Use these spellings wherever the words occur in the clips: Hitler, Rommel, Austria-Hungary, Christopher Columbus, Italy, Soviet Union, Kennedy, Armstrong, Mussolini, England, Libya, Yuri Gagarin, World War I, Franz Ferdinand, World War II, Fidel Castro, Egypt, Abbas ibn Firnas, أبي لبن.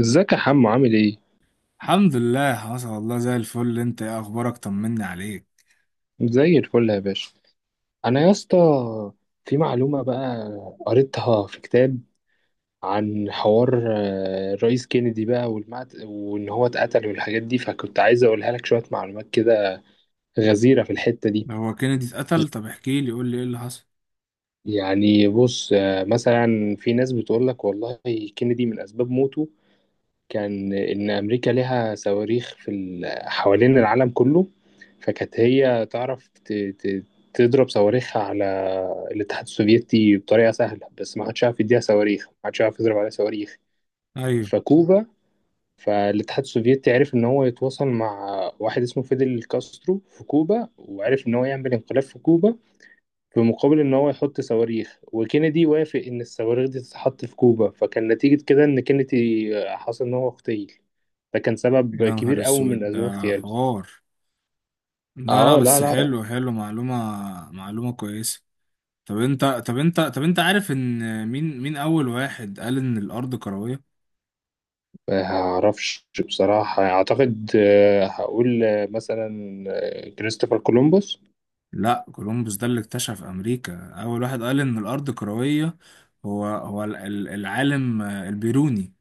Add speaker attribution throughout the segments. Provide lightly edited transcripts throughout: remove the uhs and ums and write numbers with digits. Speaker 1: ازيك يا حمو؟ عامل ايه؟
Speaker 2: الحمد لله حصل والله، زي الفل. انت ايه اخبارك؟ طمني عليك.
Speaker 1: زي الفل يا باشا. انا يا اسطى في معلومة بقى، قريتها في كتاب عن حوار الرئيس كينيدي بقى، وان هو اتقتل والحاجات دي، فكنت عايز اقولها لك. شوية معلومات كده غزيرة في الحتة دي.
Speaker 2: ده هو كينيدي اتقتل؟ طب احكي لي، قول لي ايه اللي حصل.
Speaker 1: يعني بص، مثلا في ناس بتقول لك والله، كينيدي من اسباب موته كان إن أمريكا لها صواريخ في حوالين العالم كله، فكانت هي تعرف تضرب صواريخها على الاتحاد السوفيتي بطريقة سهلة، بس ما حدش عارف يديها صواريخ، ما حدش عارف يضرب عليها صواريخ.
Speaker 2: ايوه.
Speaker 1: فكوبا، فالاتحاد السوفيتي عرف إن هو يتواصل مع واحد اسمه فيدل كاسترو في كوبا، وعرف إن هو يعمل انقلاب في كوبا في مقابل إن هو يحط صواريخ. وكينيدي وافق إن الصواريخ دي تتحط في كوبا، فكان نتيجة كده إن كينيدي حصل إن هو اغتيل. ده كان سبب
Speaker 2: يا نهار
Speaker 1: كبير أوي من
Speaker 2: اسود،
Speaker 1: أسباب
Speaker 2: ده
Speaker 1: اغتياله.
Speaker 2: حوار. لا لا،
Speaker 1: اه، لا
Speaker 2: بس
Speaker 1: لا.
Speaker 2: حلو حلو، معلومة. معلومة كويسة. طب انت عارف ان مين اول واحد قال ان الارض كروية؟
Speaker 1: ما اعرفش بصراحة، اعتقد، هقول مثلا، كريستوفر كولومبوس.
Speaker 2: لا، كولومبوس ده اللي اكتشف امريكا، اول واحد قال ان الارض كروية هو العالم البيروني.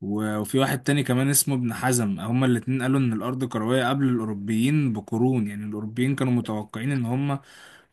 Speaker 2: وفي واحد تاني كمان اسمه ابن حزم، هما الاتنين قالوا ان الارض كروية قبل الاوروبيين بقرون. يعني الاوروبيين كانوا متوقعين ان هما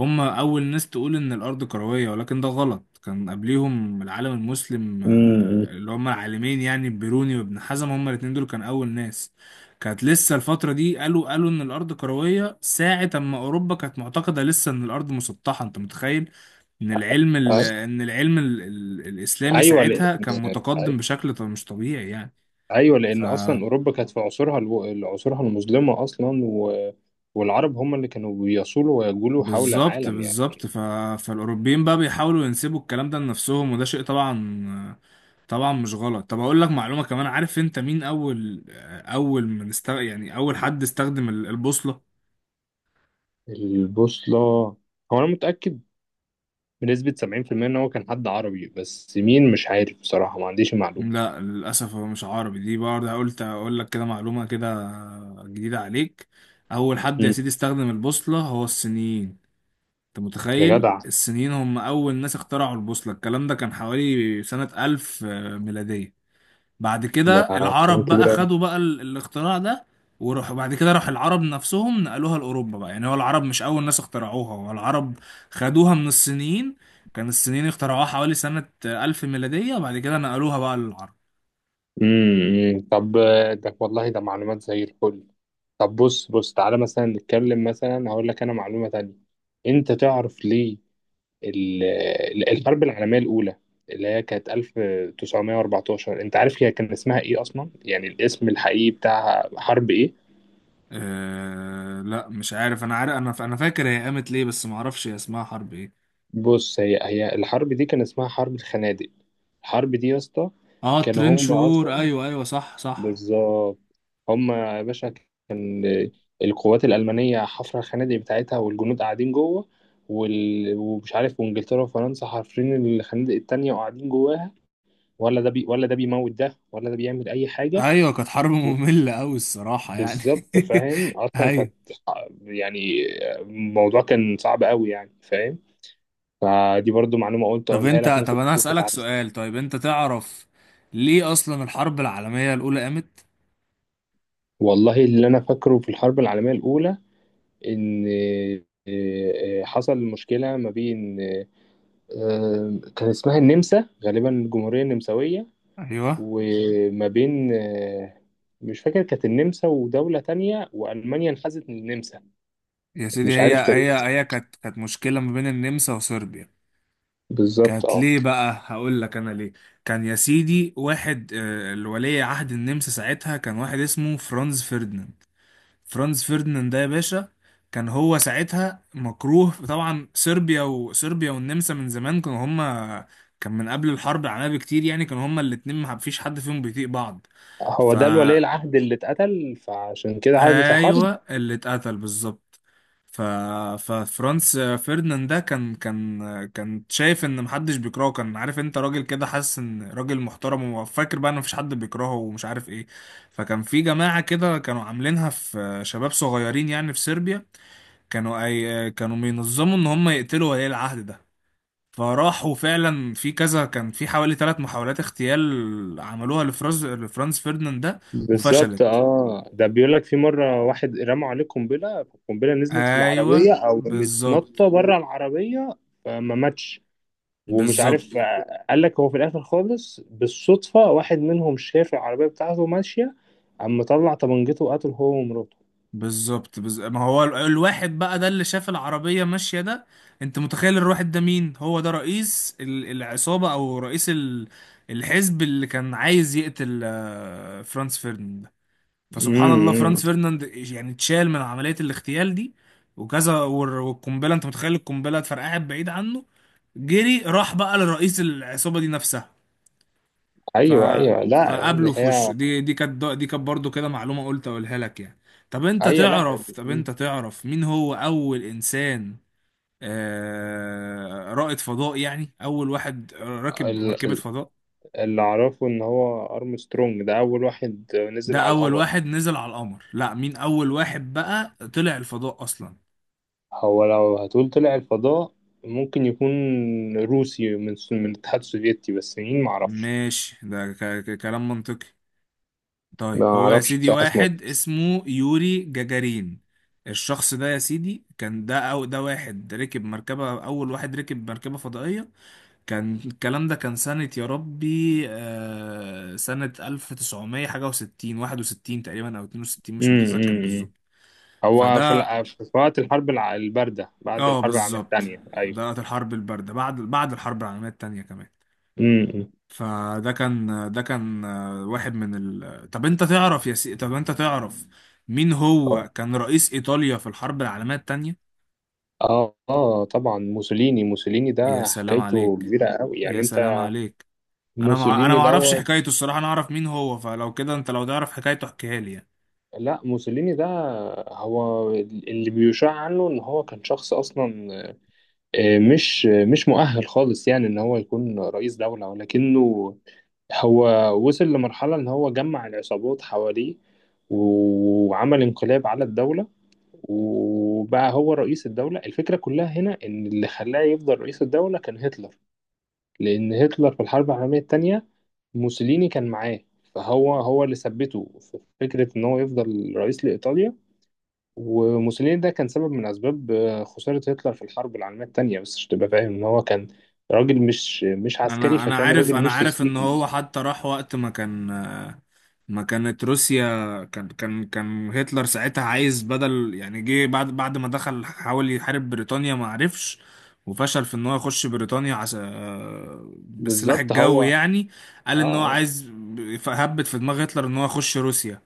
Speaker 2: هم أول ناس تقول إن الأرض كروية، ولكن ده غلط. كان قبليهم العالم المسلم،
Speaker 1: امم.
Speaker 2: اللي هم العالمين يعني بيروني وابن حزم، هم الاتنين دول كان أول ناس. كانت لسه الفترة دي، قالوا إن الأرض كروية ساعة أما أوروبا كانت معتقدة لسه إن الأرض مسطحة. أنت متخيل إن
Speaker 1: آه،
Speaker 2: الإسلامي
Speaker 1: ايوه
Speaker 2: ساعتها
Speaker 1: لان،
Speaker 2: كان متقدم بشكل مش طبيعي يعني.
Speaker 1: ايوه
Speaker 2: ف
Speaker 1: لان اصلا اوروبا كانت في عصورها عصورها المظلمة اصلا، و... والعرب هم اللي كانوا بيصولوا ويجولوا حول
Speaker 2: بالظبط
Speaker 1: العالم يعني.
Speaker 2: بالظبط. فالأوروبيين بقى بيحاولوا ينسبوا الكلام ده لنفسهم، وده شيء طبعا، طبعا مش غلط. طب اقول لك معلومة كمان، عارف انت مين اول، اول من است... يعني اول حد استخدم البوصلة؟
Speaker 1: البوصلة، هو أنا متأكد بنسبة سبعين في المية إن هو كان حد عربي، بس مين مش عارف بصراحة، ما عنديش المعلومة.
Speaker 2: لا، للاسف هو مش عربي. دي برضه قلت اقول لك كده معلومة كده جديدة عليك. اول حد يا
Speaker 1: مم.
Speaker 2: سيدي استخدم البوصلة هو الصينيين. انت
Speaker 1: يا
Speaker 2: متخيل؟
Speaker 1: جدع،
Speaker 2: الصينيين هم اول ناس اخترعوا البوصلة. الكلام ده كان حوالي سنة 1000 ميلادية. بعد كده
Speaker 1: ده كلام
Speaker 2: العرب
Speaker 1: كبير
Speaker 2: بقى
Speaker 1: أوي.
Speaker 2: خدوا بقى الاختراع ده. وراح بعد كده، راح العرب نفسهم نقلوها لأوروبا بقى. يعني هو العرب مش أول ناس اخترعوها، هو العرب خدوها من الصينيين. كان الصينيين اخترعوها حوالي سنة ألف ميلادية، وبعد كده نقلوها بقى للعرب.
Speaker 1: مم، مم. طب ده والله ده معلومات زي الفل. طب بص، تعالى مثلا نتكلم، مثلا هقول لك أنا معلومة تانية. أنت تعرف ليه الحرب العالمية الأولى اللي هي كانت 1914؟ أنت عارف هي كان اسمها إيه أصلا؟ يعني الاسم الحقيقي بتاعها حرب إيه؟
Speaker 2: أه لا مش عارف. أنا عارف، أنا فاكر هي قامت ليه، بس معرفش هي اسمها حرب إيه.
Speaker 1: بص، هي الحرب دي كان اسمها حرب الخنادق. الحرب دي يا اسطى
Speaker 2: اه،
Speaker 1: كانوا هم
Speaker 2: ترين
Speaker 1: الخنادق
Speaker 2: شهور.
Speaker 1: اصلا.
Speaker 2: أيوه أيوه، صح صح.
Speaker 1: بالظبط، هم يا باشا كان القوات الالمانيه حفره الخنادق بتاعتها والجنود قاعدين جوه، ومش عارف، وانجلترا وفرنسا حافرين الخنادق التانية وقاعدين جواها، ولا ولا ده بيموت ده، ولا ده بيعمل اي حاجه.
Speaker 2: أيوه، كانت حرب
Speaker 1: و-
Speaker 2: مملة أوي الصراحة يعني.
Speaker 1: بالظبط، فاهم اصلا كانت
Speaker 2: أيوه.
Speaker 1: يعني الموضوع كان صعب قوي يعني، فاهم. فدي برضو معلومه قلت اقولها لك،
Speaker 2: طب
Speaker 1: ممكن
Speaker 2: انا
Speaker 1: تكون.
Speaker 2: هسألك سؤال. طيب انت تعرف ليه اصلا الحرب العالمية الاولى قامت؟
Speaker 1: والله اللي انا فاكره في الحرب العالميه الاولى ان، حصل مشكله ما بين، كان اسمها النمسا غالبا، الجمهوريه النمساويه.
Speaker 2: ايوه
Speaker 1: وما بين مش فاكر، كانت النمسا ودوله تانية، والمانيا انحازت للنمسا.
Speaker 2: يا سيدي،
Speaker 1: مش
Speaker 2: هي
Speaker 1: عارف
Speaker 2: هي
Speaker 1: كانت،
Speaker 2: هي كانت مشكلة ما بين النمسا وصربيا.
Speaker 1: بالظبط
Speaker 2: كانت
Speaker 1: اه.
Speaker 2: ليه بقى؟ هقول لك انا ليه. كان يا سيدي واحد، الولي عهد النمسا ساعتها كان واحد اسمه فرانز فرديناند. فرانز فرديناند ده يا باشا كان هو ساعتها مكروه طبعا صربيا، وصربيا والنمسا من زمان كانوا هما، كان من قبل الحرب العالميه بكتير يعني، كانوا هما الاتنين ما فيش حد فيهم بيطيق بعض.
Speaker 1: هو
Speaker 2: ف
Speaker 1: ده الولي العهد اللي اتقتل فعشان كده الحرب.
Speaker 2: ايوه اللي اتقتل بالظبط. ف ففرانس فيرديناند ده كان شايف ان محدش بيكرهه. كان عارف انت راجل كده، حاسس ان راجل محترم وفاكر بقى ان مفيش حد بيكرهه ومش عارف ايه. فكان في جماعة كده كانوا عاملينها، في شباب صغيرين يعني في صربيا، كانوا بينظموا ان هم يقتلوا ولي العهد ده. فراحوا فعلا في كذا، كان في حوالي ثلاث محاولات اغتيال عملوها لفرانز فيرديناند ده،
Speaker 1: بالظبط
Speaker 2: وفشلت.
Speaker 1: اه، ده بيقول لك في مره واحد رمى عليه قنبله، القنبله نزلت في العربيه
Speaker 2: ايوه
Speaker 1: او
Speaker 2: بالظبط
Speaker 1: متنطه بره العربيه فما ماتش. ومش
Speaker 2: بالظبط.
Speaker 1: عارف، قال لك هو في الاخر خالص بالصدفه واحد منهم شاف العربيه بتاعته ماشيه، قام مطلع طبنجته وقتل هو ومراته.
Speaker 2: بالظبط، ما هو الواحد بقى ده اللي شاف العربية ماشية ده، انت متخيل الواحد ده مين؟ هو ده رئيس العصابة او رئيس الحزب اللي كان عايز يقتل فرانز فيرديناند. فسبحان الله،
Speaker 1: امم.
Speaker 2: فرانس فيرناند يعني اتشال من عملية الاغتيال دي وكذا. والقنبلة، انت متخيل القنبلة اتفرقعت بعيد عنه، جري راح بقى لرئيس العصابة دي نفسها. ف
Speaker 1: ايوه، ايوه، لا يعني
Speaker 2: فقابله في
Speaker 1: هي.
Speaker 2: وشه. دي كانت برضه كده معلومة قلت اقولها لك يعني. طب انت
Speaker 1: ايوه، لا،
Speaker 2: تعرف طب انت تعرف مين هو اول انسان، رائد فضاء؟ يعني اول واحد راكب
Speaker 1: ال-
Speaker 2: مركبة
Speaker 1: ال-
Speaker 2: فضاء.
Speaker 1: اللي اعرفه ان هو ارمسترونج ده اول واحد نزل
Speaker 2: ده
Speaker 1: على
Speaker 2: اول
Speaker 1: القمر.
Speaker 2: واحد نزل على القمر. لا، مين اول واحد بقى طلع الفضاء اصلا؟
Speaker 1: هو لو هتقول طلع الفضاء، ممكن يكون روسي من الاتحاد السوفيتي، بس مين معرفش.
Speaker 2: ماشي، ده كلام منطقي.
Speaker 1: ما
Speaker 2: طيب هو يا
Speaker 1: اعرفش
Speaker 2: سيدي
Speaker 1: بصراحة اسمه ايه.
Speaker 2: واحد اسمه يوري جاجارين. الشخص ده يا سيدي كان ده أو ده واحد ركب مركبة أول واحد ركب مركبة فضائية. كان الكلام ده كان سنة يا ربي، سنة ألف تسعمية حاجة وستين، واحد وستين تقريبا أو اتنين وستين، مش
Speaker 1: امم.
Speaker 2: متذكر
Speaker 1: أمم.
Speaker 2: بالظبط.
Speaker 1: هو في
Speaker 2: فده،
Speaker 1: في وقت الباردة بعد
Speaker 2: اه،
Speaker 1: الحرب العالمية
Speaker 2: بالظبط.
Speaker 1: التانية،
Speaker 2: ده
Speaker 1: ايوه.
Speaker 2: الحرب الباردة بعد الحرب العالمية التانية كمان.
Speaker 1: امم.
Speaker 2: فده كان ده كان آه، واحد من ال... طب انت تعرف، مين هو كان رئيس ايطاليا في الحرب العالميه الثانيه؟
Speaker 1: اه اه طبعا موسوليني
Speaker 2: يا
Speaker 1: ده
Speaker 2: سلام
Speaker 1: حكايته
Speaker 2: عليك،
Speaker 1: كبيرة قوي يعني،
Speaker 2: يا سلام
Speaker 1: انت.
Speaker 2: عليك. انا
Speaker 1: موسوليني
Speaker 2: ما اعرفش
Speaker 1: دوت.
Speaker 2: حكايته الصراحه، انا اعرف مين هو. فلو كده، انت لو تعرف حكايته احكيها لي يعني.
Speaker 1: لا، موسوليني ده هو اللي بيشاع عنه ان هو كان شخص اصلا مش مؤهل خالص يعني ان هو يكون رئيس دولة، ولكنه هو وصل لمرحلة ان هو جمع العصابات حواليه وعمل انقلاب على الدولة، وبقى هو رئيس الدولة. الفكرة كلها هنا ان اللي خلاه يفضل رئيس الدولة كان هتلر، لان هتلر في الحرب العالمية التانية موسوليني كان معاه، هو اللي ثبته في فكرة ان هو يفضل رئيس لإيطاليا. وموسوليني ده كان سبب من أسباب خسارة هتلر في الحرب العالمية التانية. بس عشان تبقى فاهم إن هو كان راجل مش عسكري،
Speaker 2: انا انا
Speaker 1: فكان
Speaker 2: عارف
Speaker 1: راجل
Speaker 2: انا
Speaker 1: مش
Speaker 2: عارف ان
Speaker 1: تكتيكي.
Speaker 2: هو حتى راح وقت ما كان، ما كانت روسيا، كان هتلر ساعتها عايز بدل يعني، جه بعد ما دخل حاول يحارب بريطانيا ما عرفش، وفشل في ان هو يخش بريطانيا عس... آه، بالسلاح
Speaker 1: بالظبط هو
Speaker 2: الجوي
Speaker 1: اه.
Speaker 2: يعني. قال ان هو
Speaker 1: آه.
Speaker 2: عايز، هبت في دماغ هتلر ان هو يخش روسيا.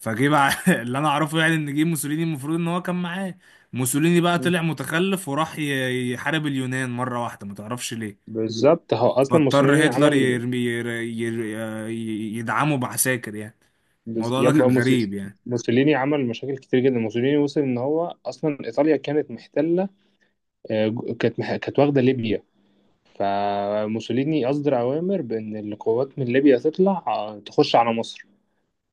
Speaker 2: فجه بقى اللي انا اعرفه يعني ان جه موسوليني، المفروض ان هو كان معاه. موسوليني بقى
Speaker 1: مم.
Speaker 2: طلع متخلف وراح يحارب اليونان مرة واحدة ما تعرفش ليه.
Speaker 1: بالظبط، هو اصلا موسوليني
Speaker 2: فاضطر هتلر
Speaker 1: عمل،
Speaker 2: يرمي يدعمه بعساكر يعني.
Speaker 1: بز...
Speaker 2: الموضوع
Speaker 1: يا
Speaker 2: ده
Speaker 1: ابني
Speaker 2: كان
Speaker 1: موسي-
Speaker 2: غريب يعني.
Speaker 1: موسوليني عمل مشاكل كتير جدا. موسوليني وصل ان هو اصلا ايطاليا كانت محتله، كانت واخده ليبيا. فموسوليني اصدر اوامر بان القوات من ليبيا تطلع، تخش على مصر.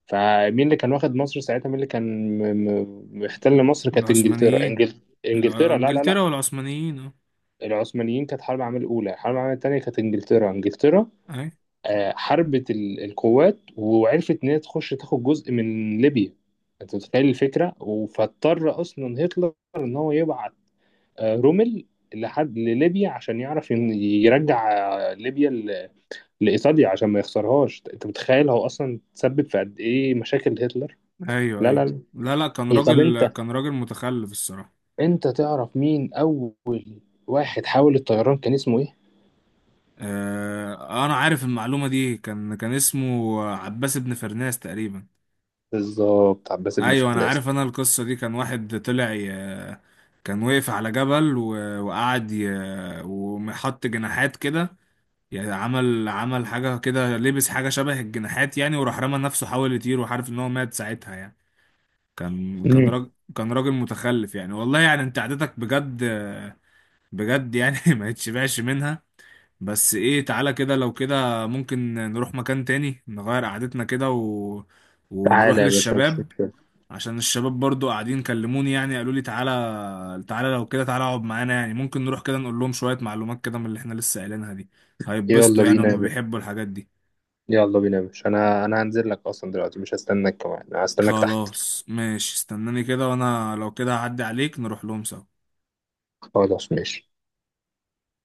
Speaker 1: فمين اللي كان واخد مصر ساعتها؟ مين اللي كان محتل مصر؟ كانت انجلترا،
Speaker 2: العثمانيين.
Speaker 1: انجلترا. لا لا لا،
Speaker 2: انجلترا والعثمانيين اه.
Speaker 1: العثمانيين كانت حرب العالميه الاولى. الحرب العالميه الثانيه كانت انجلترا، انجلترا
Speaker 2: اي.
Speaker 1: حربت القوات وعرفت ان هي تخش تاخد جزء من ليبيا. انت متخيل الفكره؟ فاضطر اصلا هتلر ان هو يبعت رومل لحد لليبيا عشان يعرف يرجع ليبيا لايطاليا عشان ما يخسرهاش. انت متخيل هو اصلا تسبب في قد ايه مشاكل هتلر؟
Speaker 2: ايوه
Speaker 1: لا لا
Speaker 2: ايوه،
Speaker 1: لا.
Speaker 2: لا لا، كان
Speaker 1: إيه، طب
Speaker 2: راجل
Speaker 1: انت،
Speaker 2: كان راجل متخلف الصراحة.
Speaker 1: انت تعرف مين اول واحد حاول الطيران، كان اسمه ايه؟
Speaker 2: آه، انا عارف المعلومة دي. كان اسمه عباس بن فرناس تقريبا.
Speaker 1: بالظبط، عباس بن
Speaker 2: ايوه انا
Speaker 1: فرناس.
Speaker 2: عارف انا القصة دي. كان واحد كان وقف على جبل وقعد وحط جناحات كده. يعني عمل حاجة كده، لبس حاجة شبه الجناحات يعني وراح رمى نفسه حاول يطير، وعارف ان هو مات ساعتها يعني. كان كان
Speaker 1: مم.
Speaker 2: راجل كان راجل متخلف يعني. والله يعني انت عادتك بجد. بجد يعني ما يتشبعش منها. بس ايه، تعالى كده لو كده ممكن نروح مكان تاني، نغير قعدتنا كده ونروح
Speaker 1: تعالى يا باشا، مش
Speaker 2: للشباب.
Speaker 1: مشكلة.
Speaker 2: عشان الشباب برضو قاعدين كلموني يعني، قالوا لي تعالى تعالى لو كده، تعالى اقعد معانا يعني. ممكن نروح كده نقول لهم شوية معلومات كده من اللي احنا لسه قايلينها دي.
Speaker 1: يلا
Speaker 2: هيتبسطوا يعني،
Speaker 1: بينا يا
Speaker 2: هم
Speaker 1: باشا
Speaker 2: بيحبوا الحاجات دي.
Speaker 1: يلا بينا يا باشا انا هنزل لك اصلا دلوقتي، مش هستناك كمان، انا هستناك تحت.
Speaker 2: خلاص ماشي، استناني كده وانا لو كده هعدي عليك نروح لهم سوا.
Speaker 1: خلاص ماشي.